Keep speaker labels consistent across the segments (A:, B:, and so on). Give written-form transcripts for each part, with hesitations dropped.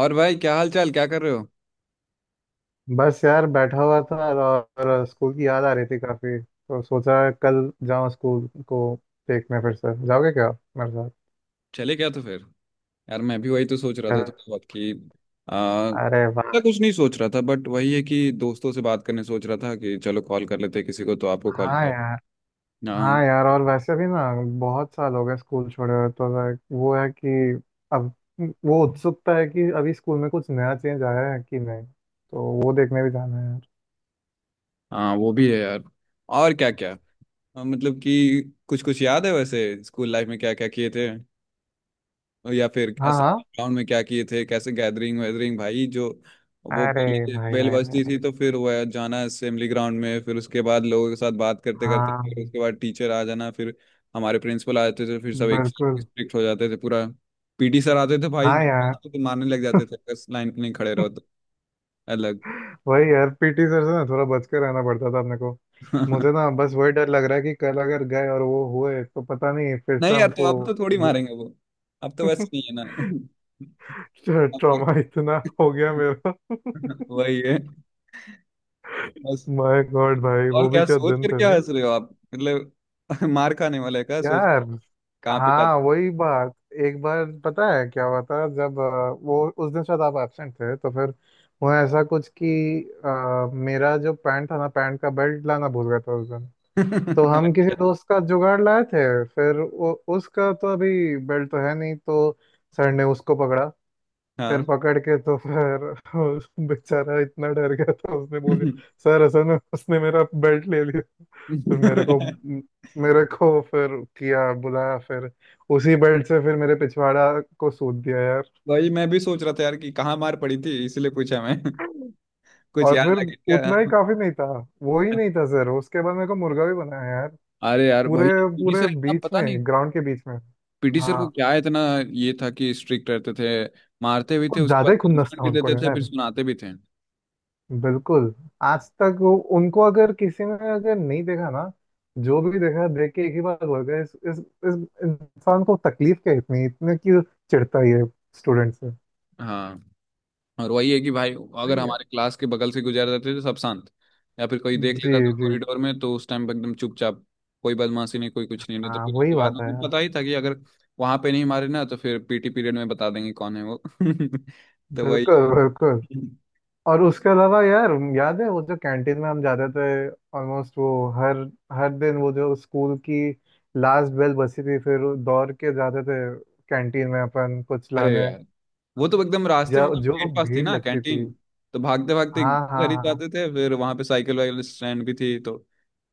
A: और भाई क्या हाल चाल क्या कर रहे हो।
B: बस यार बैठा हुआ था और स्कूल की याद आ रही थी काफी, तो सोचा कल जाऊं स्कूल को देखने। फिर से जाओगे क्या मेरे साथ
A: चले क्या तो फिर। यार मैं भी वही तो सोच रहा
B: कल?
A: था तो बहुत कि
B: अरे वाह।
A: मैं कुछ नहीं सोच रहा था बट वही है कि दोस्तों से बात करने सोच रहा था कि चलो कॉल कर लेते हैं किसी को तो आपको कॉल
B: हाँ
A: किया।
B: यार।
A: हाँ।
B: हाँ यार, और वैसे भी ना बहुत साल हो गए स्कूल छोड़े हुए, तो लाइक वो है कि अब वो उत्सुकता है कि अभी स्कूल में कुछ नया चेंज आया है कि नहीं, तो वो देखने भी जाना है यार।
A: हाँ वो भी है यार। और क्या क्या। मतलब कि कुछ कुछ याद है वैसे स्कूल लाइफ में क्या क्या किए थे। या फिर
B: हाँ
A: ऐसे
B: हाँ।
A: ग्राउंड में क्या किए थे कैसे गैदरिंग वैदरिंग भाई जो वो
B: अरे
A: पहले
B: भाई
A: बेल
B: भाई भाई।
A: बजती थी तो फिर वह जाना असेंबली ग्राउंड में फिर उसके बाद लोगों के साथ बात करते करते फिर
B: हाँ।
A: उसके बाद टीचर आ जाना फिर हमारे प्रिंसिपल आ जाते थे फिर सब एक
B: बिल्कुल।
A: स्ट्रिक्ट हो जाते थे पूरा। पीटी सर आते थे
B: हाँ
A: भाई।
B: यार।
A: आते तो मारने लग जाते थे अगर लाइन पे नहीं खड़े रहो तो अलग।
B: वही यार, पीटी सर से ना थोड़ा बच के रहना पड़ता था अपने को। मुझे ना बस वही डर लग रहा है कि कल अगर गए और वो हुए तो पता नहीं फिर से
A: नहीं यार तो
B: हमको
A: अब तो थोड़ी मारेंगे वो। अब तो वैसे नहीं है ना। अब तो-
B: ट्रॉमा इतना हो गया मेरा
A: वही है बस।
B: माय गॉड भाई,
A: और
B: वो भी
A: क्या
B: क्या
A: सोच
B: दिन
A: कर
B: थे
A: क्या
B: नहीं।
A: हंस रहे हो आप मतलब। मार खाने वाले का सोच कर।
B: यार,
A: कहाँ पिटा
B: हाँ
A: दिया?
B: वही बात। एक बार पता है क्या हुआ था, जब वो उस दिन शायद आप एब्सेंट थे तो फिर वो ऐसा कुछ कि मेरा जो पैंट था ना, पैंट का बेल्ट लाना भूल गया था उस दिन। तो हम किसी
A: अच्छा।
B: दोस्त का जुगाड़ लाए थे, फिर उसका तो अभी बेल्ट तो है नहीं, तो सर ने उसको पकड़ा। फिर
A: हाँ।
B: पकड़ के तो फिर उस बेचारा इतना डर गया था, उसने बोल दिया सर असल में उसने मेरा बेल्ट ले लिया। फिर मेरे को फिर किया बुलाया, फिर उसी बेल्ट से फिर मेरे पिछवाड़ा को सूद दिया यार।
A: वही मैं भी सोच रहा था यार कि कहाँ मार पड़ी थी इसलिए पूछा मैं। कुछ
B: और
A: याद
B: फिर
A: आ गया क्या।
B: उतना ही काफी नहीं था, वो ही नहीं था सर, उसके बाद मेरे को मुर्गा भी बनाया यार।
A: अरे यार
B: पूरे
A: वही पीटी
B: पूरे
A: सर इतना
B: बीच
A: पता नहीं।
B: में, ग्राउंड के बीच में।
A: पीटी सर को
B: हाँ।
A: क्या इतना ये था कि स्ट्रिक्ट रहते थे मारते भी थे
B: कुछ
A: उसके
B: ज्यादा
A: बाद
B: ही खुन्नस
A: पनिशमेंट
B: था
A: भी
B: उनको
A: देते थे फिर
B: यार।
A: सुनाते भी थे।
B: बिल्कुल। आज तक वो उनको अगर किसी ने अगर नहीं देखा ना, जो भी देखा देख के एक ही बात बोल गया इस इंसान को तकलीफ क्या इतनी, इतने क्यों चिढ़ता है ये स्टूडेंट से।
A: हाँ। और वही है कि भाई अगर
B: वही है।
A: हमारे क्लास के बगल से गुजर जाते थे सब शांत। या फिर कोई देख
B: जी
A: लेता था
B: जी।
A: कॉरिडोर में तो उस टाइम पे एकदम चुपचाप कोई बदमाशी नहीं कोई कुछ नहीं नहीं तो
B: हाँ
A: फिर
B: वही
A: उसके बाद
B: बात है
A: उनको
B: यार।
A: पता ही था कि अगर वहां पे नहीं मारे ना तो फिर पीटी पीरियड में बता देंगे कौन है वो। तो वही
B: बिल्कुल
A: है।
B: बिल्कुल। और उसके अलावा यार, याद है वो जो कैंटीन में हम जाते थे? ऑलमोस्ट वो हर हर दिन वो जो स्कूल की लास्ट बेल बची थी, फिर दौड़ के जाते थे कैंटीन में अपन कुछ
A: अरे
B: लाने।
A: यार वो तो एकदम रास्ते में
B: जो
A: मतलब
B: जो
A: गेट पास थी
B: भीड़
A: ना
B: लगती थी।
A: कैंटीन। तो भागते भागते
B: हाँ हाँ
A: घर ही
B: हाँ।
A: जाते थे फिर वहां पे साइकिल वाइकिल स्टैंड भी थी तो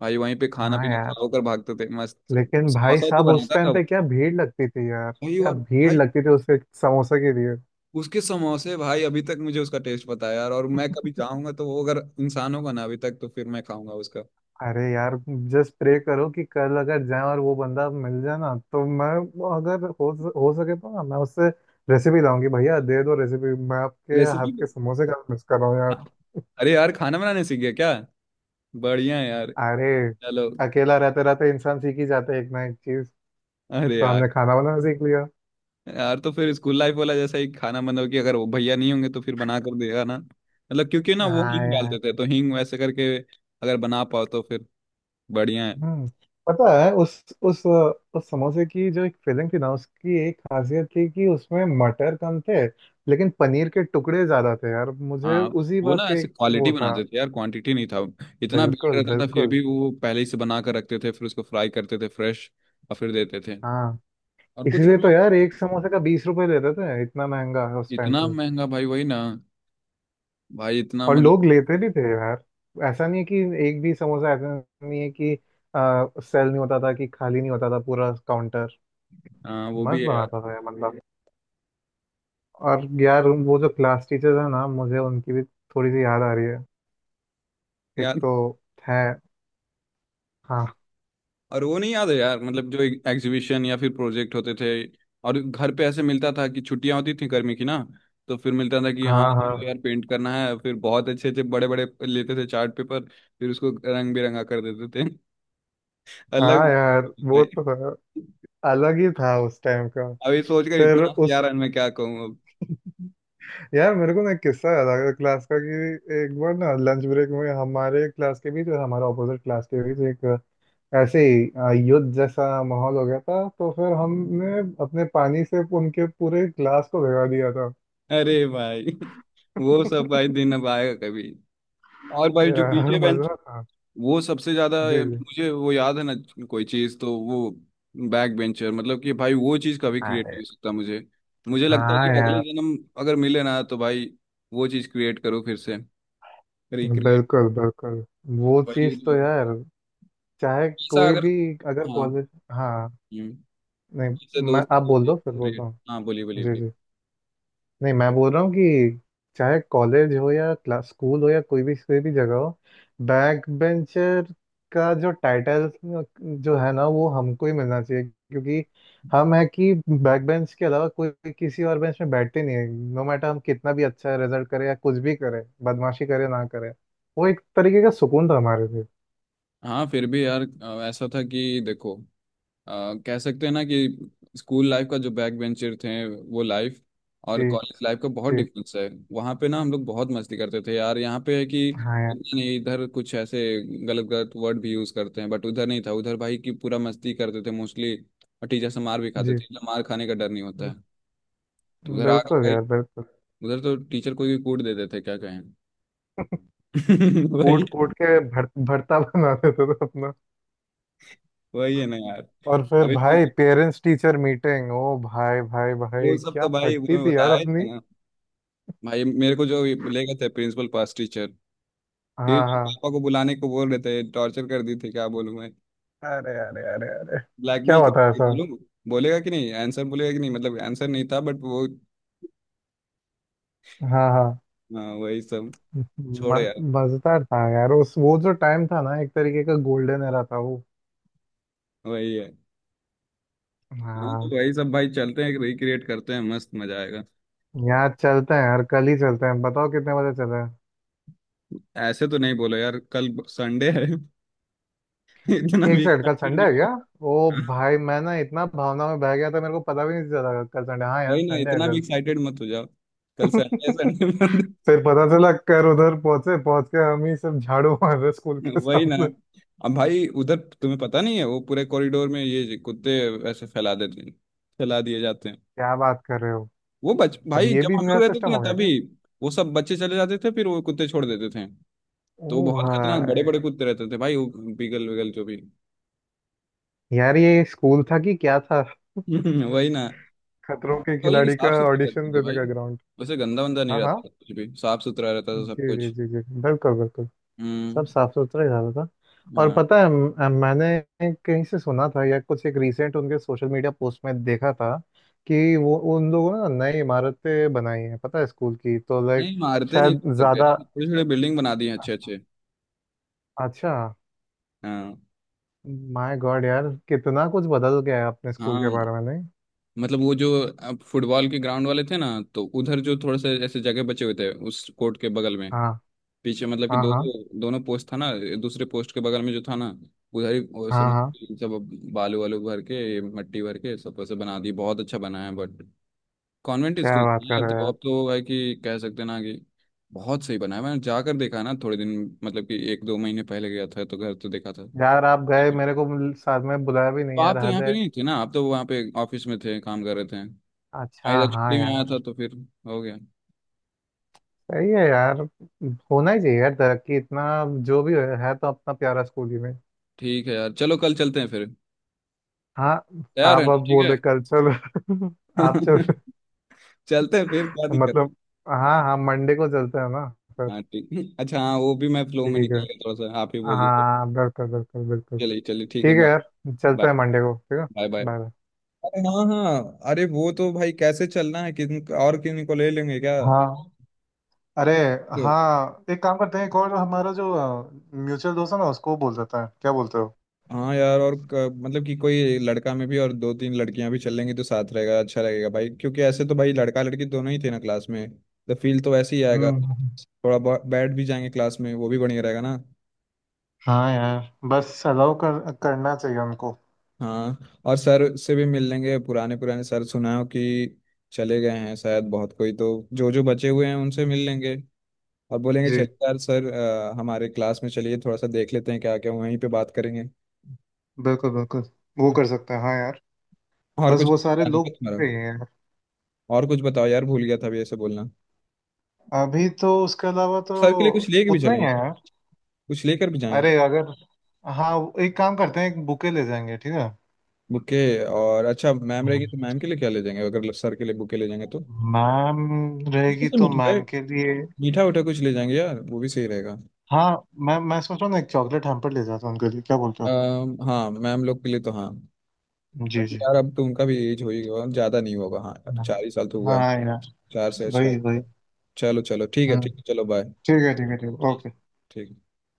A: भाई वहीं पे खाना
B: हाँ
A: पीना खा
B: यार।
A: होकर भागते थे मस्त।
B: लेकिन भाई
A: समोसा तो
B: साहब उस
A: बनाता था
B: टाइम पे
A: वो।
B: क्या भीड़ लगती थी यार,
A: वही
B: क्या
A: और
B: भीड़
A: भाई
B: लगती थी उस एक समोसे के लिए।
A: उसके समोसे भाई अभी तक मुझे उसका टेस्ट पता है यार और मैं कभी जाऊंगा तो वो अगर इंसान होगा ना अभी तक तो फिर मैं खाऊंगा उसका।
B: अरे यार, जस्ट प्रे करो कि कल अगर जाए और वो बंदा मिल जाए ना, तो मैं, वो अगर हो, हो सके तो ना मैं उससे रेसिपी लाऊंगी, भैया दे दो रेसिपी, मैं आपके हाथ
A: रेसिपी
B: के समोसे का मिस कर रहा हूँ यार।
A: अरे यार खाना बनाने सीख गया क्या। बढ़िया है यार।
B: अरे,
A: चलो।
B: अकेला रहते रहते इंसान सीख ही जाता है एक ना एक चीज,
A: अरे
B: तो
A: यार।
B: हमने खाना बनाना सीख लिया।
A: यार तो फिर स्कूल लाइफ वाला जैसा ही खाना मतलब कि अगर वो भैया नहीं होंगे तो फिर बना कर देगा ना मतलब क्योंकि ना वो
B: हाँ
A: हींग डालते
B: यार।
A: थे तो हींग वैसे करके अगर बना पाओ तो फिर बढ़िया है।
B: हम्म। पता है उस उस समोसे की जो एक फिलिंग थी ना, उसकी एक खासियत थी कि उसमें मटर कम थे लेकिन पनीर के टुकड़े ज्यादा थे यार, मुझे
A: हाँ
B: उसी
A: वो ना
B: बात का
A: ऐसे
B: एक
A: क्वालिटी
B: वो था।
A: बनाते थे यार क्वांटिटी नहीं था। इतना भीड़
B: बिल्कुल
A: रहता था फिर
B: बिल्कुल।
A: भी वो पहले ही से बना कर रखते थे फिर उसको फ्राई करते थे फ्रेश और फिर देते थे।
B: हाँ,
A: और कुछ हम
B: इसीलिए तो
A: लोग
B: यार एक समोसे का बीस रुपए लेते थे, इतना महंगा है उस टाइम
A: इतना
B: पे।
A: महंगा भाई वही ना। भाई इतना
B: और
A: मतलब।
B: लोग लेते भी थे यार, ऐसा नहीं है कि एक भी समोसा ऐसा नहीं है कि सेल नहीं होता था, कि खाली नहीं होता था पूरा काउंटर।
A: हाँ वो भी
B: मस्त
A: है यार।
B: बनाता था यार। और यार वो जो क्लास टीचर है ना, मुझे उनकी भी थोड़ी सी याद आ रही है, एक
A: यार
B: तो है। हाँ
A: और वो नहीं याद है यार मतलब जो एग्जीबिशन या फिर प्रोजेक्ट होते थे और घर पे ऐसे मिलता था कि छुट्टियां होती थी गर्मी की ना तो फिर मिलता था कि हाँ
B: हाँ हाँ।
A: चलो यार पेंट करना है फिर बहुत अच्छे अच्छे बड़े बड़े लेते थे चार्ट पेपर फिर उसको रंग बिरंगा कर देते थे। अलग
B: हाँ यार, वो
A: भाई।
B: तो है। अलग ही था उस टाइम का।
A: अभी सोचकर इतना
B: फिर
A: हंसी आ
B: उस
A: रहा है मैं क्या कहूँ अब।
B: यार, मेरे को ना एक किस्सा याद आ गया क्लास का, कि एक बार ना लंच ब्रेक में हमारे क्लास के बीच और हमारे ऑपोजिट क्लास के बीच एक ऐसे ही युद्ध जैसा माहौल हो गया था, तो फिर हमने अपने पानी से उनके पूरे क्लास को भिगा दिया था।
A: अरे भाई। वो सब भाई दिन अब आएगा कभी। और भाई जो
B: यार
A: पीछे बेंच
B: मजा था।
A: वो सबसे ज्यादा
B: जी
A: मुझे वो याद है ना। कोई चीज तो वो बैक बेंचर मतलब कि भाई वो चीज कभी क्रिएट
B: जी।
A: नहीं हो सकता मुझे। मुझे लगता है
B: हाँ
A: कि अगले
B: यार।
A: जन्म अगर मिले ना तो भाई वो चीज क्रिएट करो फिर से। रिक्रिएट।
B: बिल्कुल बिल्कुल। वो
A: भाई
B: चीज तो यार, चाहे
A: ऐसा
B: कोई
A: अगर।
B: भी, अगर
A: हाँ
B: कॉलेज, हाँ
A: हम्म,
B: नहीं,
A: ऐसे
B: मैं,
A: दोस्त
B: आप बोल दो फिर बोलता
A: क्रिएट
B: हूँ।
A: हाँ बोलिए बोलिए
B: जी
A: बोलिए।
B: जी। नहीं मैं बोल रहा हूँ कि चाहे कॉलेज हो या क्लास, स्कूल हो या कोई भी जगह हो, बैक बेंचर का जो टाइटल जो है ना, वो हमको ही मिलना चाहिए, क्योंकि हम है कि बैक बेंच के अलावा कोई भी किसी और बेंच में बैठते नहीं है। नो मैटर हम कितना भी अच्छा रिजल्ट करें या कुछ भी करें, बदमाशी करें ना करें, वो एक तरीके का सुकून था हमारे लिए।
A: हाँ फिर भी यार ऐसा था कि देखो अ, कह सकते हैं ना कि स्कूल लाइफ का जो बैक बेंचर थे वो लाइफ और
B: जी
A: कॉलेज लाइफ का बहुत
B: जी।
A: डिफरेंस है वहाँ पे ना हम लोग बहुत मस्ती करते थे यार यहाँ पे है कि
B: हाँ यार।
A: इतना नहीं इधर कुछ ऐसे गलत गलत वर्ड भी यूज करते हैं बट उधर नहीं था उधर भाई की पूरा मस्ती करते थे मोस्टली। और टीचर से मार भी खाते
B: जी
A: थे इतना मार खाने का डर नहीं होता है तो उधर आ गए
B: बिल्कुल
A: भाई।
B: यार बिल्कुल।
A: उधर तो टीचर कोई भी कूट देते थे क्या कहें।
B: कूट
A: वही।
B: कूट के भरता बना देते थे अपना।
A: वही है ना यार।
B: और फिर
A: अभी
B: भाई
A: तो-
B: पेरेंट्स टीचर मीटिंग, ओ भाई भाई
A: वो
B: भाई
A: सब
B: क्या
A: तो भाई वो
B: फटती
A: मैं
B: थी यार
A: बताया ही था
B: अपनी।
A: ना। भाई मेरे को जो ले गए थे प्रिंसिपल पास टीचर फिर
B: हाँ हाँ।
A: पापा को बुलाने को बोल रहे थे टॉर्चर कर दी थी क्या बोलूं मैं
B: अरे अरे अरे अरे। क्या
A: ब्लैकमेल
B: हुआ
A: कर
B: था
A: दी
B: ऐसा?
A: बोलूं। बोलेगा कि नहीं आंसर बोलेगा कि नहीं मतलब आंसर नहीं था बट वो।
B: हाँ हाँ।
A: हाँ वही सब छोड़ो यार।
B: म- मजेदार था यार, उस वो जो टाइम था ना, एक तरीके का गोल्डन एरा था वो।
A: वही है। हाँ
B: हाँ।
A: तो वही सब भाई चलते हैं रिक्रिएट करते हैं मस्त मजा आएगा।
B: यहाँ चलते हैं यार, कल ही चलते हैं, बताओ कितने बजे चले हैं।
A: ऐसे तो नहीं बोलो यार कल संडे है। इतना
B: एक
A: भी
B: सेकंड, कल
A: excited
B: संडे है
A: नहीं।
B: क्या? ओ भाई, मैं ना इतना भावना में बह गया था, मेरे को पता भी नहीं चला कल संडे। हाँ यार,
A: वही ना
B: संडे
A: इतना भी
B: है
A: एक्साइटेड मत हो जाओ। कल
B: कल।
A: Sunday Sunday.
B: फिर पता चला कर उधर पहुंचे, पहुंच के हम ही सब झाड़ू मार रहे स्कूल के
A: वही ना।
B: सामने।
A: अब भाई उधर तुम्हें पता नहीं है वो पूरे कॉरिडोर में ये कुत्ते ऐसे फैला देते हैं फैला दिए जाते हैं।
B: क्या बात कर रहे हो?
A: वो बच
B: अब
A: भाई
B: ये
A: जब
B: भी
A: हम
B: नया
A: लोग रहते
B: सिस्टम
A: थे ना
B: हो गया
A: तभी
B: क्या?
A: वो सब बच्चे चले जाते थे फिर वो कुत्ते छोड़ देते थे।
B: ओ
A: तो बहुत खतरनाक बड़े
B: भाई।
A: बड़े कुत्ते रहते थे भाई वो बीगल विगल जो भी।
B: यार ये स्कूल था कि क्या था,
A: वही ना।
B: खतरों के
A: तो ये
B: खिलाड़ी
A: साफ
B: का
A: सुथरा रहते
B: ऑडिशन
A: थे
B: देने
A: भाई।
B: का ग्राउंड।
A: वैसे गंदा वंदा नहीं
B: हाँ
A: रहता
B: हाँ।
A: था कुछ भी साफ सुथरा रहता था सब
B: जी जी
A: कुछ।
B: जी जी। बिल्कुल बिल्कुल।
A: हम्म।
B: सब साफ सुथरा ही रहा था। और
A: हाँ।
B: पता है मैंने कहीं से सुना था या कुछ, एक रिसेंट उनके सोशल मीडिया पोस्ट में देखा था कि वो उन लोगों ने ना नई इमारतें बनाई हैं पता है स्कूल की, तो लाइक
A: नहीं मारते नहीं
B: शायद
A: सकते
B: ज्यादा
A: यार थोड़ी थोड़ी बिल्डिंग बना दी है अच्छे अच्छे।
B: अच्छा।
A: हाँ।
B: माय गॉड यार, कितना कुछ बदल गया है अपने स्कूल
A: हाँ
B: के बारे में नहीं।
A: मतलब वो जो अब फुटबॉल के ग्राउंड वाले थे ना तो उधर जो थोड़े से ऐसे जगह बचे हुए थे उस कोर्ट के बगल में
B: हाँ
A: पीछे मतलब कि
B: हाँ
A: दो
B: हाँ
A: दोनों पोस्ट था ना दूसरे पोस्ट के बगल में जो था ना उधर ही वो
B: हाँ
A: सब
B: हाँ।
A: सब बालू वालू भर के मट्टी भर के सब ऐसे बना दी बहुत अच्छा बना है बट कॉन्वेंट
B: क्या
A: स्कूल
B: बात कर
A: यार
B: रहे
A: तो
B: हो?
A: अब तो भाई कि कह सकते हैं ना कि बहुत सही बना है मैंने जाकर देखा ना थोड़े दिन मतलब कि एक दो महीने पहले गया था तो घर तो देखा था।
B: यार यार, आप
A: ठीक
B: गए,
A: है।
B: मेरे को साथ में बुलाया भी नहीं
A: तो
B: यार,
A: आप तो
B: हद
A: यहाँ पे
B: है।
A: नहीं थे ना आप तो वहाँ पे ऑफिस में थे काम कर रहे थे। मैं
B: अच्छा,
A: इधर
B: हाँ
A: छुट्टी में
B: यार।
A: आया था तो फिर हो गया।
B: सही है यार, होना ही चाहिए यार, तरक्की इतना। जो भी है तो अपना प्यारा स्कूल ही में।
A: ठीक है यार चलो कल चलते हैं फिर।
B: हाँ।
A: तैयार है
B: आप
A: ना?
B: अब
A: ठीक है।
B: बोले कल चलो। आप चल,
A: चलते हैं फिर क्या दिक्कत है?
B: मतलब, हाँ हाँ मंडे को चलते हैं ना सर।
A: हाँ ठीक अच्छा हाँ वो भी मैं फ्लो में
B: ठीक है।
A: निकल गया थोड़ा सा आप ही बोल दिए तो।
B: हाँ बिल्कुल बिल्कुल बिल्कुल।
A: चलिए चलिए ठीक है
B: ठीक है
A: बाय।
B: यार, चलते
A: बाय
B: हैं मंडे को, ठीक है।
A: Bye bye.
B: बाय।
A: अरे हाँ हाँ अरे वो तो भाई कैसे चलना है किन और किन को ले लेंगे क्या।
B: हाँ अरे
A: यो,
B: हाँ, एक काम करते हैं, एक और हमारा जो म्यूचुअल दोस्त है ना, उसको बोल देता है, क्या बोलते हो।
A: हाँ यार और मतलब कि कोई लड़का में भी और दो तीन लड़कियां भी चल लेंगी तो साथ रहेगा अच्छा रहेगा भाई क्योंकि ऐसे तो भाई लड़का लड़की दोनों ही थे ना क्लास में तो फील तो ऐसे ही आएगा।
B: हम्म।
A: थोड़ा बहुत बैठ भी जाएंगे क्लास में वो भी बढ़िया रहेगा ना।
B: हाँ यार, बस अलाउ करना चाहिए उनको।
A: हाँ और सर से भी मिल लेंगे पुराने पुराने सर सुना हो कि चले गए हैं शायद बहुत कोई तो जो जो बचे हुए हैं उनसे मिल लेंगे और बोलेंगे
B: जी
A: चलिए यार सर हमारे क्लास में चलिए थोड़ा सा देख लेते हैं क्या क्या वहीं पे बात करेंगे।
B: बिल्कुल बिल्कुल, वो कर सकते हैं हाँ यार।
A: और
B: बस
A: कुछ
B: वो सारे
A: बताने
B: लोग
A: का
B: हो
A: तुम्हारा।
B: गए हैं यार।
A: और कुछ बताओ यार भूल गया था अभी ऐसे बोलना
B: अभी तो उसके अलावा तो
A: सर के लिए कुछ लेके भी
B: उतना ही
A: चलेंगे
B: है
A: सर
B: यार।
A: कुछ लेकर भी जाएंगे क्या।
B: अरे अगर, हाँ एक काम करते हैं, एक बुके ले जाएंगे ठीक है।
A: बुके और अच्छा मैम रहेगी तो मैम के लिए क्या ले जाएंगे अगर सर के लिए बुके ले जाएंगे तो
B: मैम रहेगी तो
A: मीठा
B: मैम के लिए,
A: मीठा उठा कुछ ले जाएंगे यार वो भी सही रहेगा।
B: हाँ। मैं सोच रहा हूँ ना, एक चॉकलेट हैम्पर ले जाता हूँ उनके लिए, क्या बोलते हो।
A: हाँ मैम लोग के लिए तो हाँ
B: जी
A: बट
B: जी।
A: यार अब तो उनका भी एज हो ही गया ज्यादा नहीं होगा। हाँ यार चार ही साल तो हुआ
B: हाँ
A: है
B: यार।
A: चार से छह।
B: वही वही।
A: चलो चलो
B: हम्म।
A: ठीक है चलो बाय।
B: ठीक है ठीक है ठीक है
A: ठीक
B: ओके।
A: ठीक।